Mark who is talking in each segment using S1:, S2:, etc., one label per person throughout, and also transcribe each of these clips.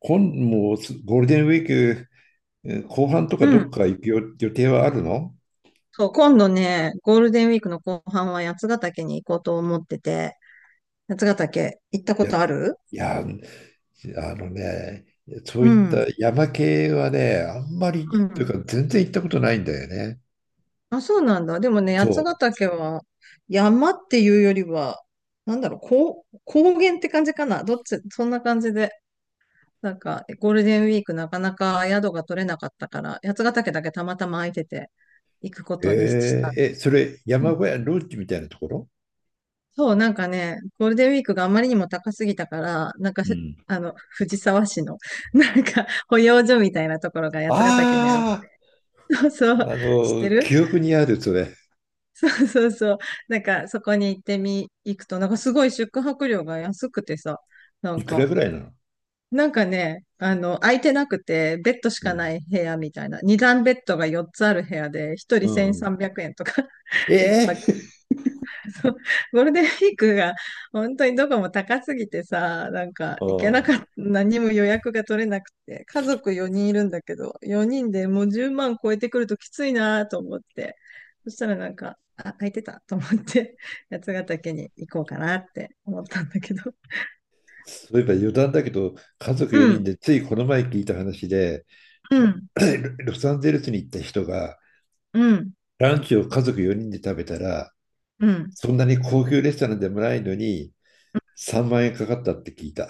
S1: 今、もうすゴールデンウィーク。後半とか
S2: う
S1: どっ
S2: ん。
S1: か行く予定はあるの？
S2: そう、今度ね、ゴールデンウィークの後半は八ヶ岳に行こうと思ってて、八ヶ岳行ったこ
S1: いや、
S2: とある？
S1: いや、あのね、そう
S2: う
S1: いった
S2: ん。
S1: 山系はね、あんまり、
S2: う
S1: という
S2: ん。
S1: か全然行ったことないんだよね。
S2: あ、そうなんだ。でもね、
S1: そ
S2: 八ヶ
S1: う。
S2: 岳は山っていうよりは、なんだろう、高原って感じかな。どっち、そんな感じで。なんか、ゴールデンウィークなかなか宿が取れなかったから、八ヶ岳だけたまたま空いてて行くこ
S1: え
S2: とにした。
S1: ーえ、それ山小屋、ロッジみたいなところ？
S2: そう、なんかね、ゴールデンウィークがあまりにも高すぎたから、なんか
S1: うん。
S2: あの、藤沢市の、なんか、保養所みたいなところが八ヶ岳にある。
S1: あ
S2: そうそう、
S1: あ、あ
S2: 知って
S1: の、
S2: る？
S1: 記憶にある、それ。
S2: そうそう。なんか、そこに行ってみ、行くと、なんかすごい宿泊料が安くてさ、なん
S1: いくら
S2: か、
S1: ぐらいなの？
S2: なんかね、あの、空いてなくて、ベッドし
S1: う
S2: か
S1: ん。
S2: ない部屋みたいな、二段ベッドが4つある部屋で、一
S1: う
S2: 人
S1: んうん。
S2: 1300円とか、一
S1: え
S2: 泊。
S1: え。
S2: そう、ゴールデンウィークが本当にどこも高すぎてさ、なん か
S1: あ
S2: 行けなかった、
S1: あ、
S2: 何も予約が取れなくて、家族4人いるんだけど、4人でもう10万超えてくるときついなと思って、そしたらなんか、あ、空いてたと思って、八ヶ岳に行こうかなって思ったんだけど。
S1: そういえば余談だけど、家族
S2: う
S1: 4人
S2: ん、
S1: でついこの前聞いた話で、
S2: うん、
S1: ロサンゼルスに行った人が、
S2: うん、
S1: ランチを家族4人で食べたら、
S2: うん。
S1: そんなに高級レストランでもないのに、3万円かかったって聞いた。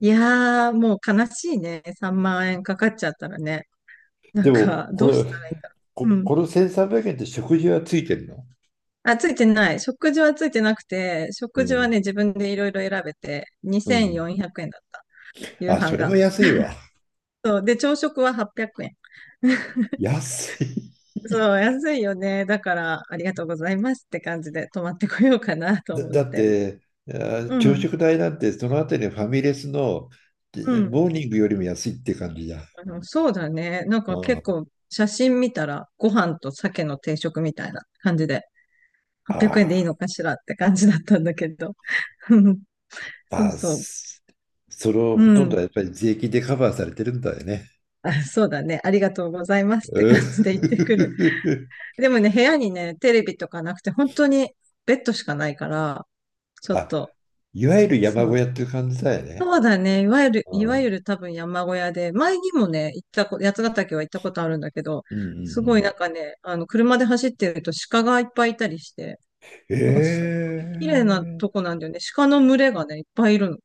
S2: いやー、もう悲しいね。3万円かかっちゃったらね。な
S1: で
S2: ん
S1: も、
S2: か、
S1: こ
S2: どう
S1: れ、
S2: したらいいんだろう。うん。
S1: この1300円って食事はついてるの？
S2: あ、ついてない。食事はついてなくて、
S1: う
S2: 食事はね、
S1: ん、
S2: 自分でいろいろ選べて、
S1: うん。
S2: 2400円だった。夕
S1: あ、
S2: 飯
S1: それ
S2: が。
S1: は安いわ。
S2: そう。で、朝食は800円。
S1: 安い。
S2: そう、安いよね。だから、ありがとうございますって感じで、泊まってこようかなと思っ
S1: だっ
S2: て。
S1: て、
S2: う
S1: 朝
S2: ん、
S1: 食代なんて、そのあたりのファミレスの
S2: う
S1: で
S2: ん。
S1: モーニングよりも安いって感じじゃん。
S2: あの、そうだね。なん
S1: う
S2: か
S1: ん。あ
S2: 結構、写真見たら、ご飯と鮭の定食みたいな感じで、800円でいい
S1: あ、
S2: のかしらって感じだったんだけど。うんそう
S1: まあ、
S2: そ
S1: それを
S2: う。う
S1: ほとんどは
S2: ん。
S1: やっぱり税金でカバーされてるんだよね。
S2: あ、そうだね。ありがとうございますって
S1: う
S2: 感じで言ってくる。
S1: ん。
S2: でもね、部屋にね、テレビとかなくて、本当にベッドしかないから、ちょっ
S1: あ、
S2: と、
S1: いわゆる山
S2: そ
S1: 小屋
S2: う。
S1: っていう感じだよね。
S2: そうだね。いわゆる、い
S1: う
S2: わゆ
S1: ん。
S2: る多分山小屋で、前にもね、行ったこ、八ヶ岳は行ったことあるんだけど、
S1: うんう
S2: すごいなん
S1: ん
S2: かね、あの、車で走ってると鹿がいっぱいいたりして、なんかすっごい綺麗な
S1: うん。え
S2: とこ
S1: え。
S2: なんだよね。鹿の群れがね、いっぱいいるの。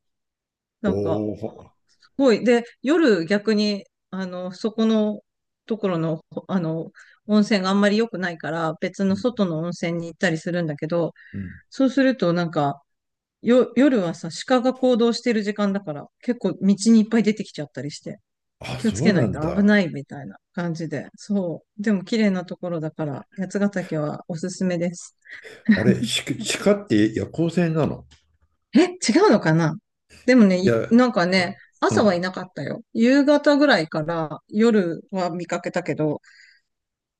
S1: お
S2: なんか、
S1: お。
S2: すごい。で、夜逆に、あの、そこのところの、あの、温泉があんまり良くないから、別
S1: う
S2: の
S1: ん
S2: 外の温泉に行ったりするんだけど、
S1: うん。
S2: そうすると、なんか、夜はさ、鹿が行動してる時間だから、結構道にいっぱい出てきちゃったりして、
S1: あ、
S2: 気をつ
S1: そう
S2: けな
S1: な
S2: い
S1: ん
S2: と危
S1: だ。
S2: ないみたいな感じで。そう。でも綺麗なところだから、八ヶ岳はおすすめです。
S1: あれ、鹿って夜行性なの？
S2: え、違うのかな？でもね、
S1: いや、
S2: なんか
S1: あ、
S2: ね、
S1: う
S2: 朝はい
S1: ん。
S2: なかったよ。夕方ぐらいから夜は見かけたけど、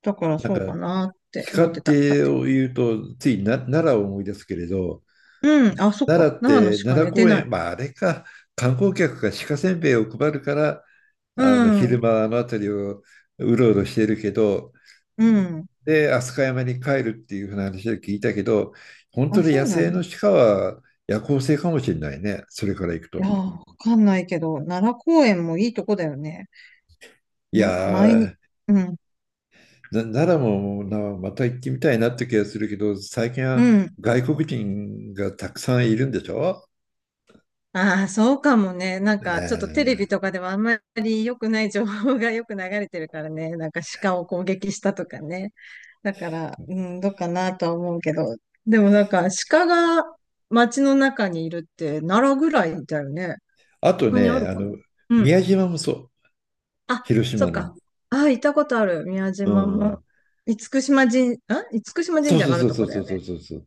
S2: だから
S1: なん
S2: そうか
S1: か、
S2: なって
S1: 鹿
S2: 思って
S1: っ
S2: た、勝
S1: て
S2: 手に。
S1: を言うと、つい奈良を思い出すけれど、
S2: うん、あ、そっ
S1: 奈
S2: か。
S1: 良っ
S2: 奈良の
S1: て
S2: 鹿
S1: 奈良
S2: ね、出
S1: 公
S2: ない。
S1: 園、まああれか、観光客が鹿せんべいを配るから、
S2: う
S1: あの昼
S2: ん、
S1: 間あの辺りをうろうろしているけど、
S2: うん。
S1: で、飛鳥山に帰るっていうふうな話を聞いたけど、本当
S2: あ、
S1: に
S2: そ
S1: 野
S2: うな
S1: 生
S2: んだ。
S1: の鹿は夜行性かもしれないね、それから行く
S2: いやー、
S1: と。
S2: わかんないけど、奈良公園もいいとこだよね。
S1: いや
S2: む前に、
S1: ー、
S2: うん、
S1: 奈良もまた行ってみたいなって気がするけど、最近
S2: う
S1: は
S2: ん。
S1: 外国人がたくさんいるんでしょ？
S2: ああ、そうかもね。なん
S1: ね
S2: か、ちょっとテレビと
S1: え。
S2: かではあんまり良くない情報がよく流れてるからね。なんか鹿を攻撃したとかね。だから、うん、どうかなとは思うけど。でもなんか、鹿が街の中にいるって奈良ぐらいだよね。
S1: あと
S2: 他にあ
S1: ね、
S2: る
S1: あ
S2: かな？
S1: の、
S2: うん。
S1: 宮島もそう、
S2: あ、
S1: 広
S2: そ
S1: 島
S2: っか。
S1: の。
S2: ああ、行ったことある。宮
S1: う
S2: 島も。
S1: ん。
S2: 厳島
S1: そ
S2: 神
S1: う
S2: 社
S1: そう
S2: があ
S1: そ
S2: る
S1: う
S2: と
S1: そ
S2: こ
S1: う
S2: だ
S1: そ
S2: よ
S1: う
S2: ね。
S1: そうそう。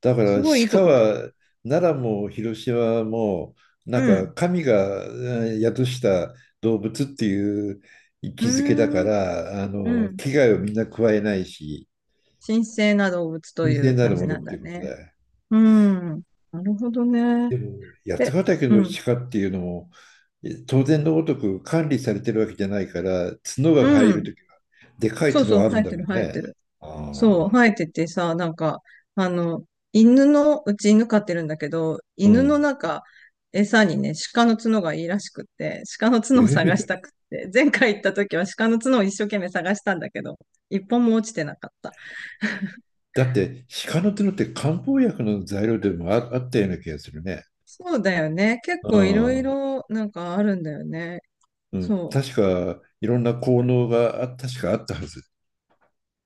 S1: だから
S2: すごいいいと
S1: 鹿
S2: こだよね。
S1: は奈良も広島もなん
S2: う
S1: か
S2: ん。
S1: 神が宿した動物っていう位
S2: う
S1: 置づけだか
S2: ーん。
S1: らあ
S2: う
S1: の
S2: ん。
S1: 危害をみんな加えないし、
S2: 神聖な動物と
S1: 神
S2: い
S1: 聖
S2: う
S1: な
S2: 感
S1: るも
S2: じ
S1: のっ
S2: なん
S1: て
S2: だ
S1: いうこと
S2: ね。
S1: だよ。
S2: うん。なるほどね。
S1: でも
S2: え、
S1: 八ヶ岳
S2: う
S1: の
S2: ん。
S1: 鹿っていうのも当然のごとく管理されてるわけじゃないから角が
S2: う
S1: 入る
S2: ん。
S1: ときはでかい
S2: そう
S1: 角
S2: そう、
S1: がある
S2: 生
S1: ん
S2: え
S1: だ
S2: てる、
S1: ろう
S2: 生え
S1: ね。
S2: てる。
S1: あ
S2: そう、
S1: あ。
S2: 生えててさ、なんか、あの、犬の、うち犬飼ってるんだけど、
S1: う
S2: 犬の
S1: ん。
S2: 中、餌にね、鹿の角がいいらしくって、鹿の
S1: えへ
S2: 角を探し
S1: へ。
S2: たくって、前回行った時は鹿の角を一生懸命探したんだけど、一本も落ちてなかった。
S1: だって、鹿の角って漢方薬の材料でもあったような気がするね。
S2: そうだよね。結
S1: う
S2: 構いろい
S1: ん。
S2: ろなんかあるんだよね。
S1: うん、
S2: そう。
S1: 確か、いろんな効能が確かあったはず。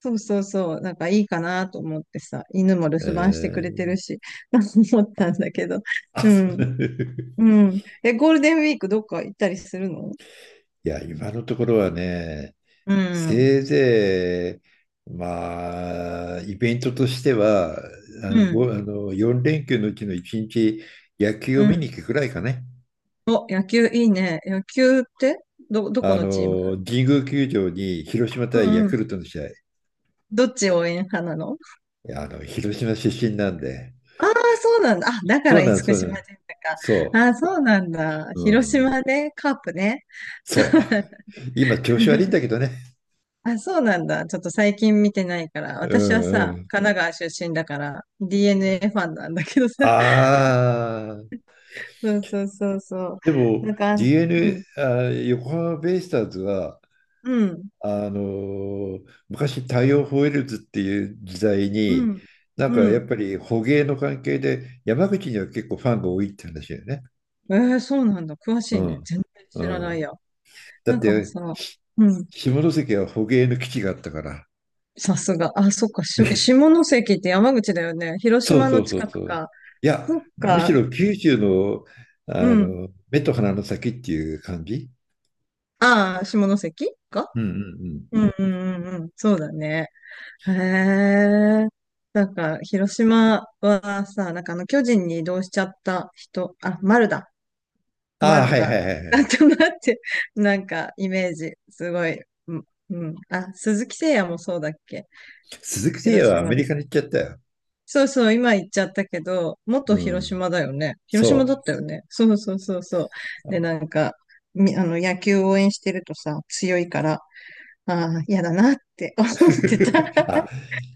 S2: そうそうそう。なんかいいかなと思ってさ、犬も留
S1: え
S2: 守番してくれてる
S1: ー、
S2: し、思ったんだけど。
S1: あ、
S2: う
S1: そう。
S2: ん。う ん。え、ゴールデンウィークどっか行ったりするの？
S1: いや、今のところはね、
S2: うん。
S1: せいぜい、まあ、イベントとしては、あ
S2: う
S1: の、
S2: ん。
S1: あの、4連休のうちの1日、野球を
S2: う
S1: 見に
S2: ん。
S1: 行くくらいかね。
S2: お、野球いいね。野球ってどこ
S1: あ
S2: のチーム？
S1: の、神宮球場に広島
S2: う
S1: 対ヤ
S2: んう
S1: ク
S2: ん。
S1: ルトの試合。い
S2: どっち応援派なの？
S1: やあの、広島出身なんで、
S2: ああー、そうなんだ。あ、だか
S1: そ
S2: ら
S1: う
S2: 厳
S1: なんです、
S2: 島
S1: そう
S2: 神
S1: なん
S2: 社か。
S1: です。
S2: あ
S1: そ
S2: あ、そうなんだ。
S1: う。う
S2: 広
S1: ん。
S2: 島ね。カープね。
S1: そう。今、調子悪いんだけどね。
S2: あ、そうなんだ。ちょっと最近見てないから。
S1: う
S2: 私は
S1: んう
S2: さ、
S1: ん。
S2: 神奈川出身だから、DNA ファンなんだけどさ。
S1: ああ、
S2: そうそうそうそ
S1: で
S2: う。
S1: も
S2: なんか、
S1: d n
S2: うん、
S1: あー、横浜ベイスターズは、
S2: うん、
S1: 昔太陽ホエールズっていう時代
S2: う
S1: に、
S2: ん、
S1: なんか
S2: う
S1: やっ
S2: ん。
S1: ぱり捕鯨の関係で山口には結構ファンが多いって話だよね。
S2: えー、そうなんだ。詳し
S1: う
S2: いね。
S1: ん。
S2: 全然
S1: う
S2: 知らない
S1: ん。
S2: や。
S1: だ
S2: な
S1: っ
S2: んか
S1: て
S2: さ、うん、
S1: 下関は捕鯨の基地があったから。
S2: さすが。あ、そっか。下関って山口だよね。広
S1: そう
S2: 島
S1: そ
S2: の
S1: うそ
S2: 近
S1: うそ
S2: く
S1: う。
S2: か。
S1: いや、
S2: そっ
S1: むし
S2: か。
S1: ろ九州の、
S2: う
S1: あ
S2: ん。
S1: の目と鼻の先っていう感じ。
S2: ああ、下関か。
S1: うんうんうん。
S2: うんうんうんうん。そうだね。へえ。なんか、広島はさ、なんかあの、巨人に移動しちゃった人、あ、丸だ。
S1: ああ、は
S2: 丸
S1: いはい
S2: が、
S1: はいは
S2: なん
S1: い。
S2: となって、なんか、イメージ、すごい。うん。うんあ、鈴木誠也もそうだっけ？
S1: 鈴木誠也
S2: 広
S1: はア
S2: 島
S1: メ
S2: だ。
S1: リカに行っちゃったよ。
S2: そうそう、今言っちゃったけど、
S1: う
S2: 元広
S1: ん。
S2: 島だよね。広島だっ
S1: そ
S2: たよね。そうそうそうそう。で、
S1: う。
S2: なんか、み、あの、野球応援してるとさ、強いから、ああ、嫌だなって思ってた。
S1: あ、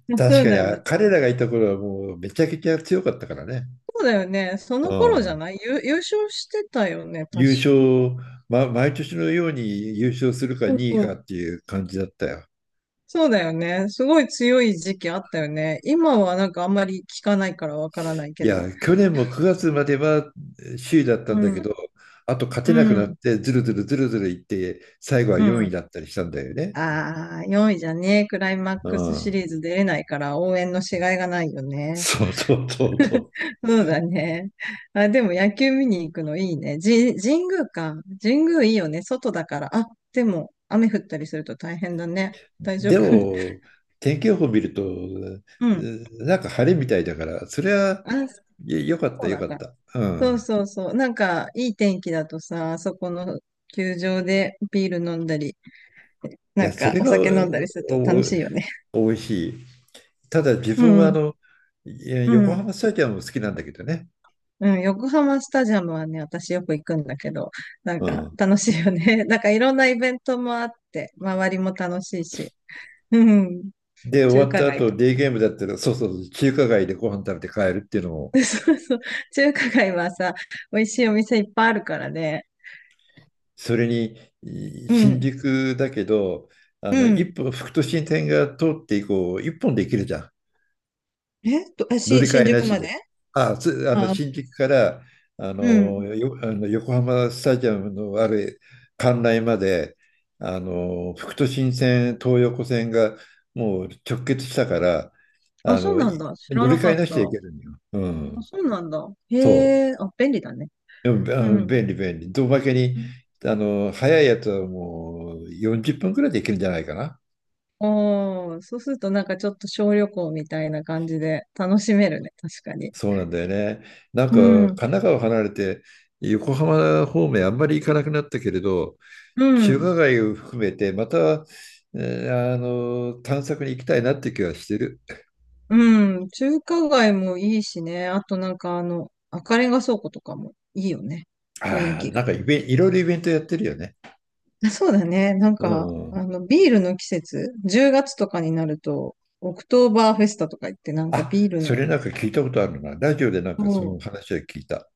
S2: そ
S1: 確
S2: う
S1: かに
S2: なんだ。
S1: 彼らがいた頃はもうめちゃくちゃ強かったからね。
S2: そうだよね。そ
S1: う
S2: の頃じゃ
S1: ん。
S2: ない優勝してたよね、確か。
S1: 優勝、毎年のように優勝するか
S2: そう
S1: 2位
S2: そ
S1: か
S2: う。
S1: っていう感じだったよ。
S2: そうだよね。すごい強い時期あったよね。今はなんかあんまり聞かないからわからない
S1: い
S2: けど。
S1: や、去年も9月までは首位だったん
S2: う
S1: だけ
S2: ん、
S1: ど、あと勝てなく
S2: う
S1: なっ
S2: ん、
S1: て、ずるずるずるずるいって、最後は
S2: う
S1: 4位
S2: ん。
S1: だったりしたんだよね。
S2: ああ、4位じゃねクライマッ
S1: う
S2: クスシ
S1: ん。
S2: リーズ出れないから応援のしがいがないよね。
S1: そうそうそうそう。
S2: そうだね。あ、でも野球見に行くのいいね。神宮か。神宮いいよね。外だから。あ、でも雨降ったりすると大変だね。大丈
S1: で
S2: 夫？
S1: も、天気予報見ると、
S2: うん。
S1: なんか晴れみたいだから、それは
S2: あ、そ
S1: よかった
S2: う
S1: よ
S2: なん
S1: かっ
S2: だ。
S1: た。う
S2: そう
S1: ん。
S2: そうそう。なんか、いい天気だとさ、あそこの球場でビール飲んだり、
S1: い
S2: な
S1: や、
S2: ん
S1: そ
S2: か
S1: れ
S2: お
S1: が
S2: 酒飲んだりすると楽しいよね。
S1: お美味しい。ただ自
S2: う
S1: 分はあ
S2: ん、
S1: の、いや
S2: う
S1: 横
S2: ん、
S1: 浜スタジアムも好きなんだけどね。
S2: うん。横浜スタジアムはね、私よく行くんだけど、なん
S1: う
S2: か
S1: ん。
S2: 楽しいよね。なんかいろんなイベントもあって、周りも楽しいし。うん。
S1: で、終
S2: 中
S1: わっ
S2: 華
S1: た
S2: 街
S1: 後、
S2: とか。
S1: デイゲームだったら、そうそうそう、中華街でご飯食べて帰るっていうのも、
S2: そうそう。中華街はさ、美味しいお店いっぱいあるからね。
S1: それに、
S2: う
S1: 新
S2: ん、
S1: 宿だけど、あ
S2: う
S1: の、一
S2: ん。
S1: 本、副都心線が通って以降、一本で行けるじゃん。
S2: えっと、
S1: 乗り
S2: 新
S1: 換えな
S2: 宿
S1: し
S2: ま
S1: で。
S2: で
S1: あ、あの、
S2: あ、
S1: 新宿から、あ
S2: う
S1: の、
S2: ん。
S1: あの横浜スタジアムのある関内まで、あの、副都心線、東横線がもう直結したから、
S2: あ、
S1: あ
S2: そう
S1: の、
S2: なんだ。知ら
S1: 乗り
S2: な
S1: 換
S2: か
S1: え
S2: っ
S1: なしで
S2: た。
S1: 行けるんよ。う
S2: あ、
S1: ん。
S2: そうなんだ。へ
S1: そう。
S2: え、あ、便利だね。
S1: でも、あ
S2: う
S1: の、
S2: ん。
S1: 便利、便利。おまけに、あの、早いやつはもう40分くらいで行けるんじゃないかな。
S2: おー、そうするとなんかちょっと小旅行みたいな感じで楽しめるね、確かに。
S1: そうなんだよね。なんか、
S2: う
S1: 神
S2: ん、
S1: 奈川離れて、横浜方面あんまり行かなくなったけれど、
S2: う
S1: 中
S2: ん、
S1: 華街を含めて、また、えあの、探索に行きたいなって気はしてる。
S2: うん。中華街もいいしね。あとなんかあの、赤レンガ倉庫とかもいいよね。雰囲
S1: ああ、
S2: 気
S1: な
S2: が。
S1: んかイベン、いろいろイベントやってるよね。
S2: あそうだね。なん
S1: う
S2: か、
S1: ん。
S2: あの、ビールの季節、10月とかになると、オクトーバーフェスタとか言って、なんか
S1: あ、
S2: ビール
S1: そ
S2: の、
S1: れなんか聞いたことあるな。ラジオでなんかそ
S2: も
S1: の
S2: う、
S1: 話は聞いた。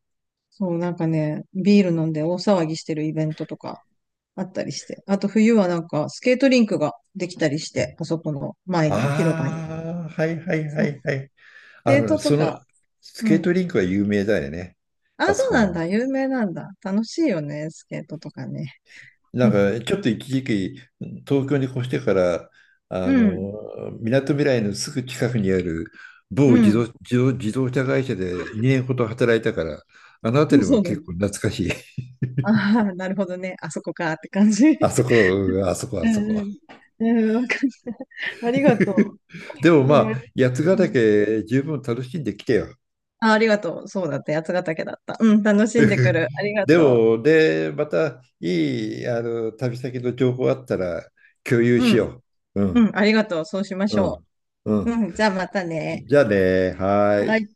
S2: そう、なんかね、ビール飲んで大騒ぎしてるイベントとかあったりして。あと冬はなんかスケートリンクができたりして、あそこの前の広場に。
S1: ああ、はいはいは
S2: そうス
S1: いはい。あ
S2: ケー
S1: の、
S2: トと
S1: その、
S2: か、
S1: ス
S2: う
S1: ケート
S2: ん。
S1: リンクは有名だよね。あ
S2: あ、
S1: そ
S2: そう
S1: こ
S2: なん
S1: の。
S2: だ。有名なんだ。楽しいよね、スケートとかね。
S1: なん か、ちょっと一時期、東京に越してから、あ
S2: うんうん。
S1: の、みなとみらいのすぐ近くにある某
S2: うん。
S1: 自動車会社で2年ほど働いたから、あの辺り
S2: そ
S1: も
S2: うだ
S1: 結
S2: ね。
S1: 構懐かしい。
S2: ああ、なるほどね。あそこかって感じ。
S1: あそこ、うんあそこ、あ
S2: う
S1: そ
S2: ん
S1: こ。
S2: うん。うん、わかった。あり がと
S1: でも
S2: う。いい
S1: まあ、
S2: ね。
S1: 八ヶ
S2: うん。
S1: 岳十分楽しんできてよ。
S2: あ、ありがとう。そうだった。八ヶ岳だった。うん、楽しんでく る。ありが
S1: で
S2: と
S1: も、で、またあの、旅先の情報あったら共有
S2: う。う
S1: し
S2: ん、
S1: よう。う
S2: う
S1: ん、
S2: ん、ありがとう。そうしまし
S1: う
S2: ょ
S1: ん、う
S2: う。
S1: ん。
S2: うん、じゃあまたね。
S1: じゃあね、は
S2: は
S1: ー
S2: い。
S1: い。